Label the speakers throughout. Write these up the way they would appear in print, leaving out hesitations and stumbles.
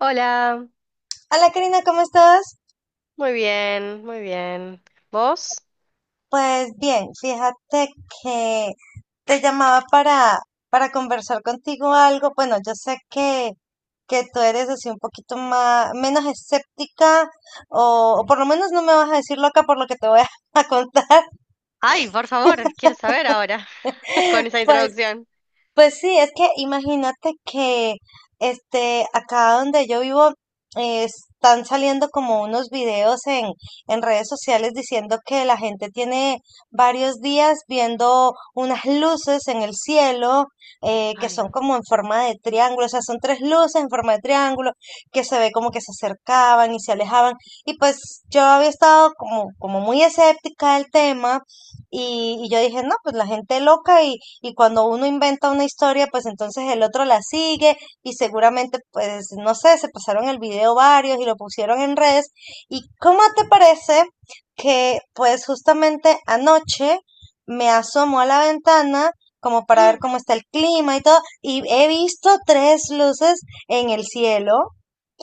Speaker 1: Hola,
Speaker 2: Hola Karina, ¿cómo estás?
Speaker 1: muy bien, muy bien. ¿Vos?
Speaker 2: Pues bien, fíjate que te llamaba para conversar contigo algo. Bueno, yo sé que tú eres así un poquito más, menos escéptica, o por lo menos no me vas a decir loca por lo que te voy a, a contar.
Speaker 1: Ay, por favor, quiero saber ahora con esa
Speaker 2: Pues
Speaker 1: introducción.
Speaker 2: Pues sí, es que imagínate que este acá donde yo vivo están saliendo como unos videos en redes sociales diciendo que la gente tiene varios días viendo unas luces en el cielo, que
Speaker 1: Ay,
Speaker 2: son como en forma de triángulo, o sea, son tres luces en forma de triángulo que se ve como que se acercaban y se alejaban. Y pues yo había estado como, como muy escéptica del tema y yo dije, no, pues la gente loca, y cuando uno inventa una historia, pues entonces el otro la sigue y seguramente, pues, no sé, se pasaron el video varios y lo pusieron en redes. ¿Y cómo te parece que, pues, justamente anoche me asomo a la ventana como para ver
Speaker 1: mm,
Speaker 2: cómo está el clima y todo y he visto tres luces en el cielo?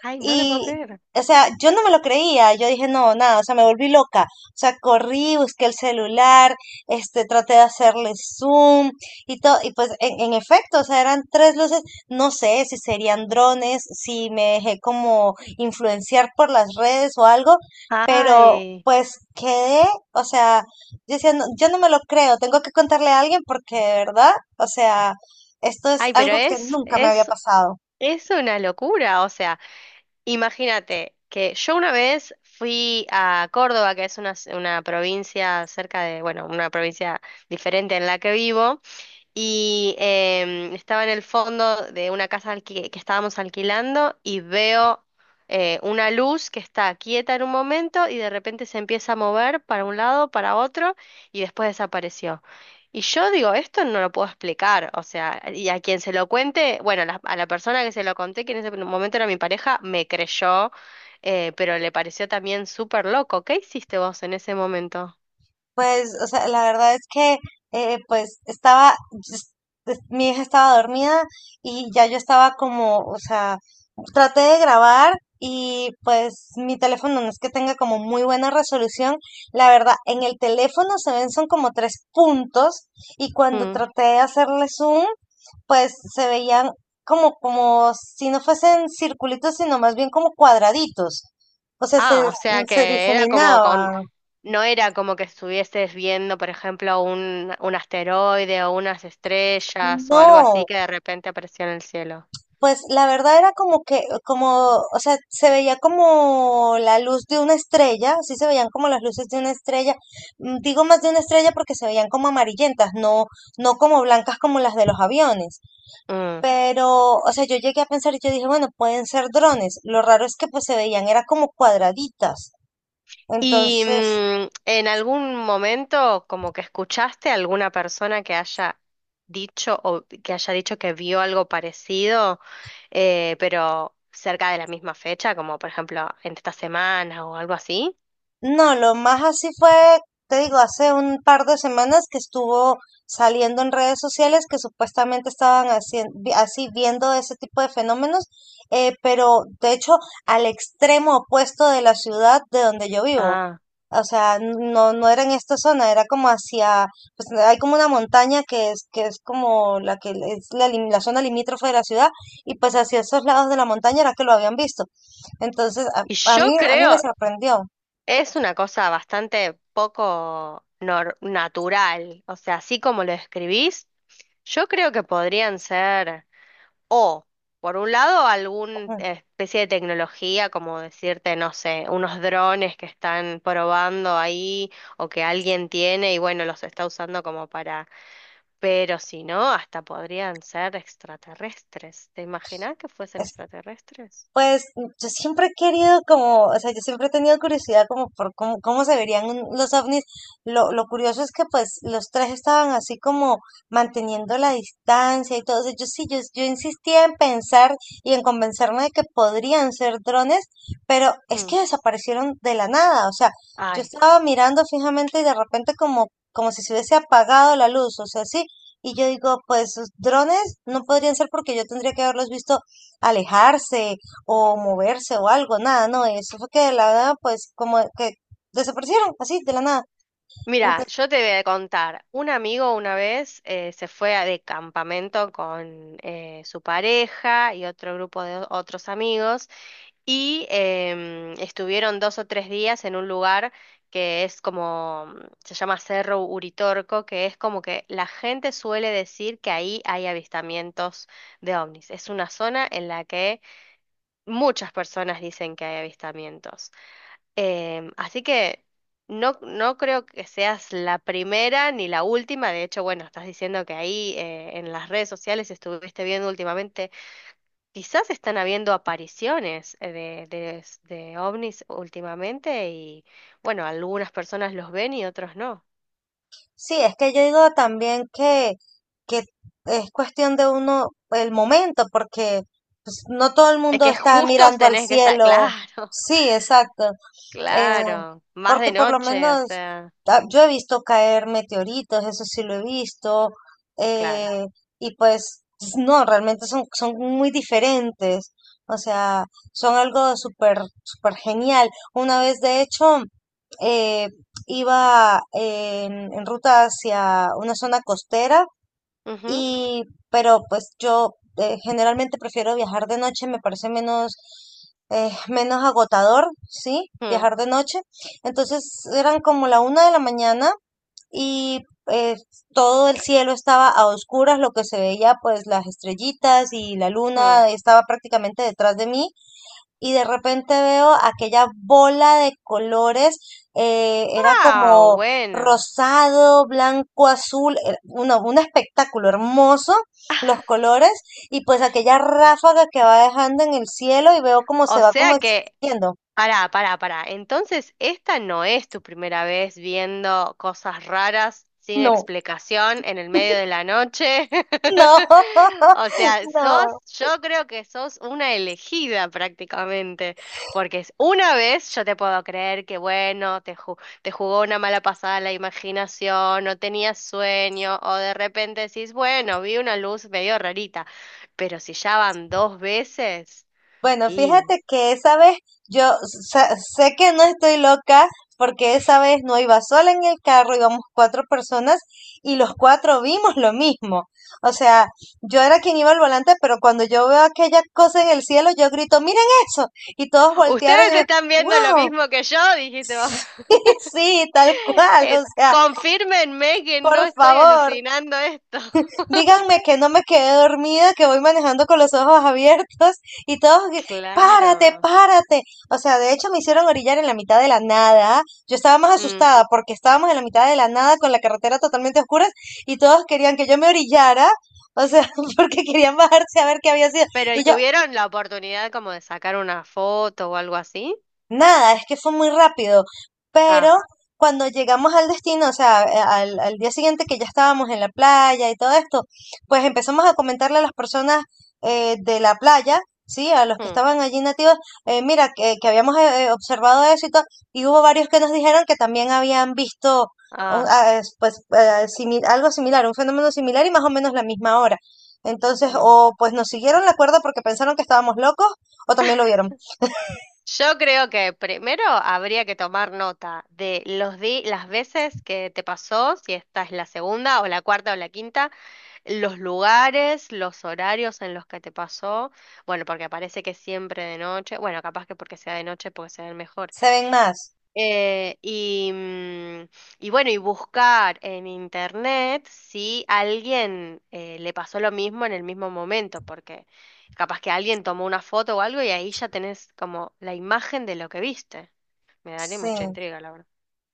Speaker 1: ay, no te
Speaker 2: Y,
Speaker 1: puedo creer.
Speaker 2: o sea, yo no me lo creía, yo dije, no, nada, o sea, me volví loca. O sea, corrí, busqué el celular, este, traté de hacerle zoom y todo, y pues en efecto, o sea, eran tres luces, no sé si serían drones, si me dejé como influenciar por las redes o algo, pero
Speaker 1: Ay,
Speaker 2: pues quedé, o sea, yo decía: "No, yo no me lo creo, tengo que contarle a alguien porque de verdad, o sea, esto es
Speaker 1: ay, pero
Speaker 2: algo que
Speaker 1: es,
Speaker 2: nunca me había
Speaker 1: es,
Speaker 2: pasado".
Speaker 1: es una locura. O sea, imagínate que yo una vez fui a Córdoba, que es una provincia cerca de, bueno, una provincia diferente en la que vivo. Y estaba en el fondo de una casa que estábamos alquilando y veo una luz que está quieta en un momento y de repente se empieza a mover para un lado, para otro y después desapareció. Y yo digo, esto no lo puedo explicar, o sea, y a quien se lo cuente, bueno, a la persona que se lo conté, que en ese momento era mi pareja, me creyó, pero le pareció también súper loco. ¿Qué hiciste vos en ese momento?
Speaker 2: Pues, o sea, la verdad es que, pues, estaba, es- mi hija estaba dormida y ya yo estaba como, o sea, traté de grabar y pues mi teléfono no es que tenga como muy buena resolución. La verdad, en el teléfono se ven son como tres puntos, y cuando
Speaker 1: Mm.
Speaker 2: traté de hacerle zoom, pues se veían como, como si no fuesen circulitos, sino más bien como cuadraditos. O sea, se,
Speaker 1: Ah, o sea
Speaker 2: se
Speaker 1: que era como con,
Speaker 2: difuminaba.
Speaker 1: no era como que estuvieses viendo, por ejemplo, un asteroide o unas estrellas o algo así
Speaker 2: No.
Speaker 1: que de repente apareció en el cielo.
Speaker 2: Pues la verdad era como que, como, o sea, se veía como la luz de una estrella, sí se veían como las luces de una estrella. Mm, digo más de una estrella porque se veían como amarillentas, no, no como blancas como las de los aviones.
Speaker 1: Mm.
Speaker 2: Pero, o sea, yo llegué a pensar y yo dije, bueno, pueden ser drones. Lo raro es que pues se veían, era como cuadraditas.
Speaker 1: ¿Y
Speaker 2: Entonces,
Speaker 1: en algún momento como que escuchaste a alguna persona que haya dicho o que haya dicho que vio algo parecido, pero cerca de la misma fecha, como por ejemplo en esta semana o algo así?
Speaker 2: no, lo más así fue, te digo, hace un par de semanas que estuvo saliendo en redes sociales que supuestamente estaban así viendo ese tipo de fenómenos, pero de hecho al extremo opuesto de la ciudad de donde yo vivo.
Speaker 1: Ah,
Speaker 2: O sea, no, no era en esta zona, era como hacia, pues hay como una montaña que es como la que es la, la zona limítrofe de la ciudad, y pues hacia esos lados de la montaña era que lo habían visto. Entonces,
Speaker 1: y yo
Speaker 2: a mí me
Speaker 1: creo,
Speaker 2: sorprendió.
Speaker 1: es una cosa bastante poco natural, o sea, así como lo escribís, yo creo que podrían ser o, por un lado, alguna
Speaker 2: Ujú.
Speaker 1: especie de tecnología, como decirte, no sé, unos drones que están probando ahí o que alguien tiene y bueno, los está usando como para, pero si no, hasta podrían ser extraterrestres. ¿Te imaginas que fuesen extraterrestres?
Speaker 2: Pues yo siempre he querido como, o sea, yo siempre he tenido curiosidad como por cómo, cómo se verían los ovnis. Lo curioso es que pues los tres estaban así como manteniendo la distancia y todo. O sea, yo sí, yo insistía en pensar y en convencerme de que podrían ser drones, pero es
Speaker 1: Mm.
Speaker 2: que desaparecieron de la nada. O sea, yo
Speaker 1: Ay.
Speaker 2: estaba mirando fijamente y de repente como, como si se hubiese apagado la luz, o sea, sí. Y yo digo, pues drones no podrían ser porque yo tendría que haberlos visto alejarse o moverse o algo, nada, no, eso fue que de la nada, pues como que desaparecieron así, de la nada.
Speaker 1: Mira,
Speaker 2: Entonces,
Speaker 1: yo te voy a contar, un amigo una vez se de campamento con su pareja y otro grupo de otros amigos y estuvieron dos o tres días en un lugar que es como, mm, se llama Cerro Uritorco, que es como que la gente suele decir que ahí hay avistamientos de ovnis. Es una zona en la que muchas personas dicen que hay avistamientos. Em, así que no, no creo que seas la primera ni la última. De hecho, bueno, estás diciendo que ahí en las redes sociales estuviste viendo últimamente, quizás están habiendo apariciones de ovnis últimamente y bueno, algunas personas los ven y otros no.
Speaker 2: sí, es que yo digo también que es cuestión de uno, el momento, porque pues, no todo el
Speaker 1: Es
Speaker 2: mundo
Speaker 1: que
Speaker 2: está
Speaker 1: justos
Speaker 2: mirando al
Speaker 1: tenés que estar,
Speaker 2: cielo.
Speaker 1: claro,
Speaker 2: Sí, exacto. Eh,
Speaker 1: claro, más
Speaker 2: porque
Speaker 1: de
Speaker 2: por lo
Speaker 1: noche, o
Speaker 2: menos
Speaker 1: sea,
Speaker 2: yo he visto caer meteoritos, eso sí lo he visto,
Speaker 1: claro.
Speaker 2: eh, y pues no, realmente son, son muy diferentes, o sea, son algo súper, súper genial. Una vez, de hecho, eh, iba en ruta hacia una zona costera
Speaker 1: Ujú,
Speaker 2: y, pero pues yo generalmente prefiero viajar de noche, me parece menos, menos agotador, ¿sí?
Speaker 1: mm,
Speaker 2: Viajar de noche. Entonces eran como la una de la mañana y eh, todo el cielo estaba a oscuras, lo que se veía pues las estrellitas y la
Speaker 1: mm.
Speaker 2: luna estaba prácticamente detrás de mí y de repente veo aquella bola de colores, era
Speaker 1: Ah,
Speaker 2: como
Speaker 1: bueno.
Speaker 2: rosado, blanco, azul, era un espectáculo hermoso los colores y pues aquella ráfaga que va dejando en el cielo y veo cómo
Speaker 1: O
Speaker 2: se va como
Speaker 1: sea que
Speaker 2: extinguiendo.
Speaker 1: pará, pará, pará. Entonces, esta no es tu primera vez viendo cosas raras sin
Speaker 2: No,
Speaker 1: explicación en el medio de la noche.
Speaker 2: no,
Speaker 1: O sea, sos,
Speaker 2: no.
Speaker 1: yo creo que sos una elegida prácticamente, porque es una vez yo te puedo creer que bueno, te jugó una mala pasada la imaginación, no tenías sueño, o de repente decís, bueno, vi una luz medio rarita, pero si ya van dos veces.
Speaker 2: Bueno,
Speaker 1: Y
Speaker 2: fíjate que esa vez yo sé que no estoy loca porque esa vez no iba sola en el carro, íbamos cuatro personas y los cuatro vimos lo mismo. O sea, yo era quien iba al volante, pero cuando yo veo aquella cosa en el cielo, yo grito, miren eso. Y todos voltearon y
Speaker 1: ustedes
Speaker 2: me,
Speaker 1: están
Speaker 2: wow,
Speaker 1: viendo lo mismo que yo, dijiste vos.
Speaker 2: sí, tal cual, o sea,
Speaker 1: Confírmenme que
Speaker 2: por
Speaker 1: no estoy
Speaker 2: favor.
Speaker 1: alucinando esto.
Speaker 2: Díganme que no me quedé dormida, que voy manejando con los ojos abiertos y todos, que, párate,
Speaker 1: Claro.
Speaker 2: párate. O sea, de hecho me hicieron orillar en la mitad de la nada. Yo estaba más
Speaker 1: Mm.
Speaker 2: asustada porque estábamos en la mitad de la nada con la carretera totalmente oscura y todos querían que yo me orillara. O sea, porque querían bajarse a ver qué había sido.
Speaker 1: Pero, ¿y
Speaker 2: Y yo,
Speaker 1: tuvieron la oportunidad como de sacar una foto o algo así?
Speaker 2: nada, es que fue muy rápido,
Speaker 1: Ah,
Speaker 2: pero cuando llegamos al destino, o sea, al, al día siguiente que ya estábamos en la playa y todo esto, pues empezamos a comentarle a las personas de la playa, sí, a los que
Speaker 1: mm,
Speaker 2: estaban allí nativos, mira, que habíamos observado eso y todo, y hubo varios que nos dijeron que también habían visto
Speaker 1: ah,
Speaker 2: pues, algo similar, un fenómeno similar y más o menos la misma hora. Entonces,
Speaker 1: mm.
Speaker 2: o pues nos siguieron la cuerda porque pensaron que estábamos locos, o también lo vieron.
Speaker 1: Yo creo que primero habría que tomar nota de los di las veces que te pasó, si esta es la segunda o la cuarta o la quinta, los lugares, los horarios en los que te pasó, bueno, porque parece que siempre de noche, bueno, capaz que porque sea de noche, porque sea el mejor.
Speaker 2: Se ven más.
Speaker 1: Eh, y, mm, y bueno, y buscar en internet si alguien le pasó lo mismo en el mismo momento, porque capaz que alguien tomó una foto o algo y ahí ya tenés como la imagen de lo que viste. Me daría
Speaker 2: Sí,
Speaker 1: mucha intriga, la verdad.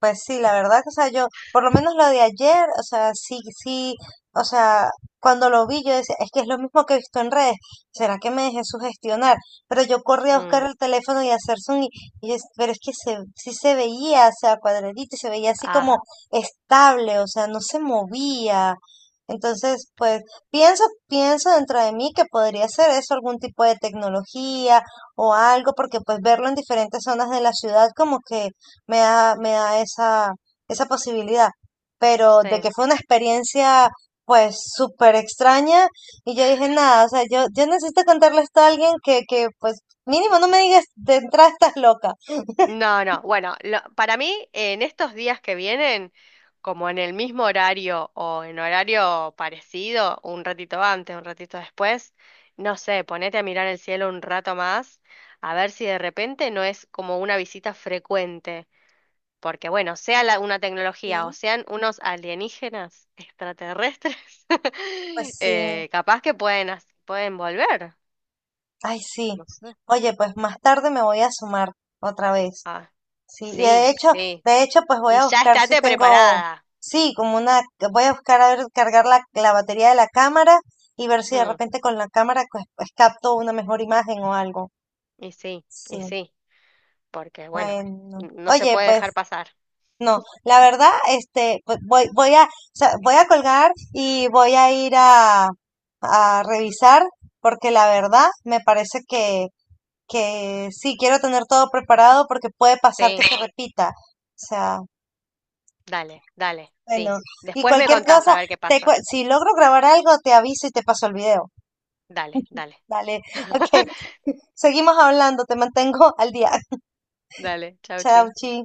Speaker 2: pues sí, la verdad que, o sea, yo, por lo menos lo de ayer, o sea, sí, sí, o sea, cuando lo vi yo decía, es que es lo mismo que he visto en redes, ¿será que me dejé sugestionar? Pero yo corrí a buscar
Speaker 1: Mm,
Speaker 2: el teléfono y a hacer zoom y, pero es que se, sí se veía, o sea, cuadradito y se veía así
Speaker 1: ah,
Speaker 2: como estable, o sea, no se movía. Entonces, pues pienso, pienso dentro de mí que podría ser eso, algún tipo de tecnología o algo, porque pues verlo en diferentes zonas de la ciudad como que me da esa, esa posibilidad. Pero de
Speaker 1: sí.
Speaker 2: que fue una experiencia pues súper extraña y yo dije, nada, o sea, yo necesito contarle esto a alguien que pues mínimo no me digas de entrada estás loca.
Speaker 1: No, no, bueno, lo- para mí en estos días que vienen, como en el mismo horario o en horario parecido, un ratito antes, un ratito después, no sé, ponete a mirar el cielo un rato más, a ver si de repente no es como una visita frecuente, porque bueno, sea la- una tecnología o
Speaker 2: Sí,
Speaker 1: sean unos alienígenas extraterrestres,
Speaker 2: pues sí,
Speaker 1: capaz que pueden, pueden volver.
Speaker 2: ay sí.
Speaker 1: No sé.
Speaker 2: Oye, pues más tarde me voy a sumar otra vez.
Speaker 1: Ah,
Speaker 2: Sí, y
Speaker 1: sí, sí.
Speaker 2: de hecho, pues voy
Speaker 1: Y
Speaker 2: a
Speaker 1: ya
Speaker 2: buscar si
Speaker 1: estate
Speaker 2: tengo,
Speaker 1: preparada.
Speaker 2: sí, como una, voy a buscar a ver, cargar la, la batería de la cámara y ver si de
Speaker 1: Hmm.
Speaker 2: repente con la cámara pues, pues, capto una mejor imagen o algo.
Speaker 1: Y sí, y
Speaker 2: Sí,
Speaker 1: sí, porque bueno,
Speaker 2: bueno.
Speaker 1: no se
Speaker 2: Oye,
Speaker 1: puede
Speaker 2: pues
Speaker 1: dejar pasar.
Speaker 2: no, la verdad, este, pues, voy, voy a, o sea, voy a colgar y voy a ir a revisar porque la verdad me parece que sí, quiero tener todo preparado porque puede pasar que
Speaker 1: Sí,
Speaker 2: se repita. O sea,
Speaker 1: dale, dale, sí.
Speaker 2: bueno, y
Speaker 1: Después me
Speaker 2: cualquier
Speaker 1: contás
Speaker 2: cosa,
Speaker 1: a ver qué pasa.
Speaker 2: si logro grabar algo, te aviso y te paso el video.
Speaker 1: Dale, dale.
Speaker 2: Dale, ok, seguimos hablando, te mantengo al día.
Speaker 1: Dale, chau,
Speaker 2: Chao,
Speaker 1: chi.
Speaker 2: chi.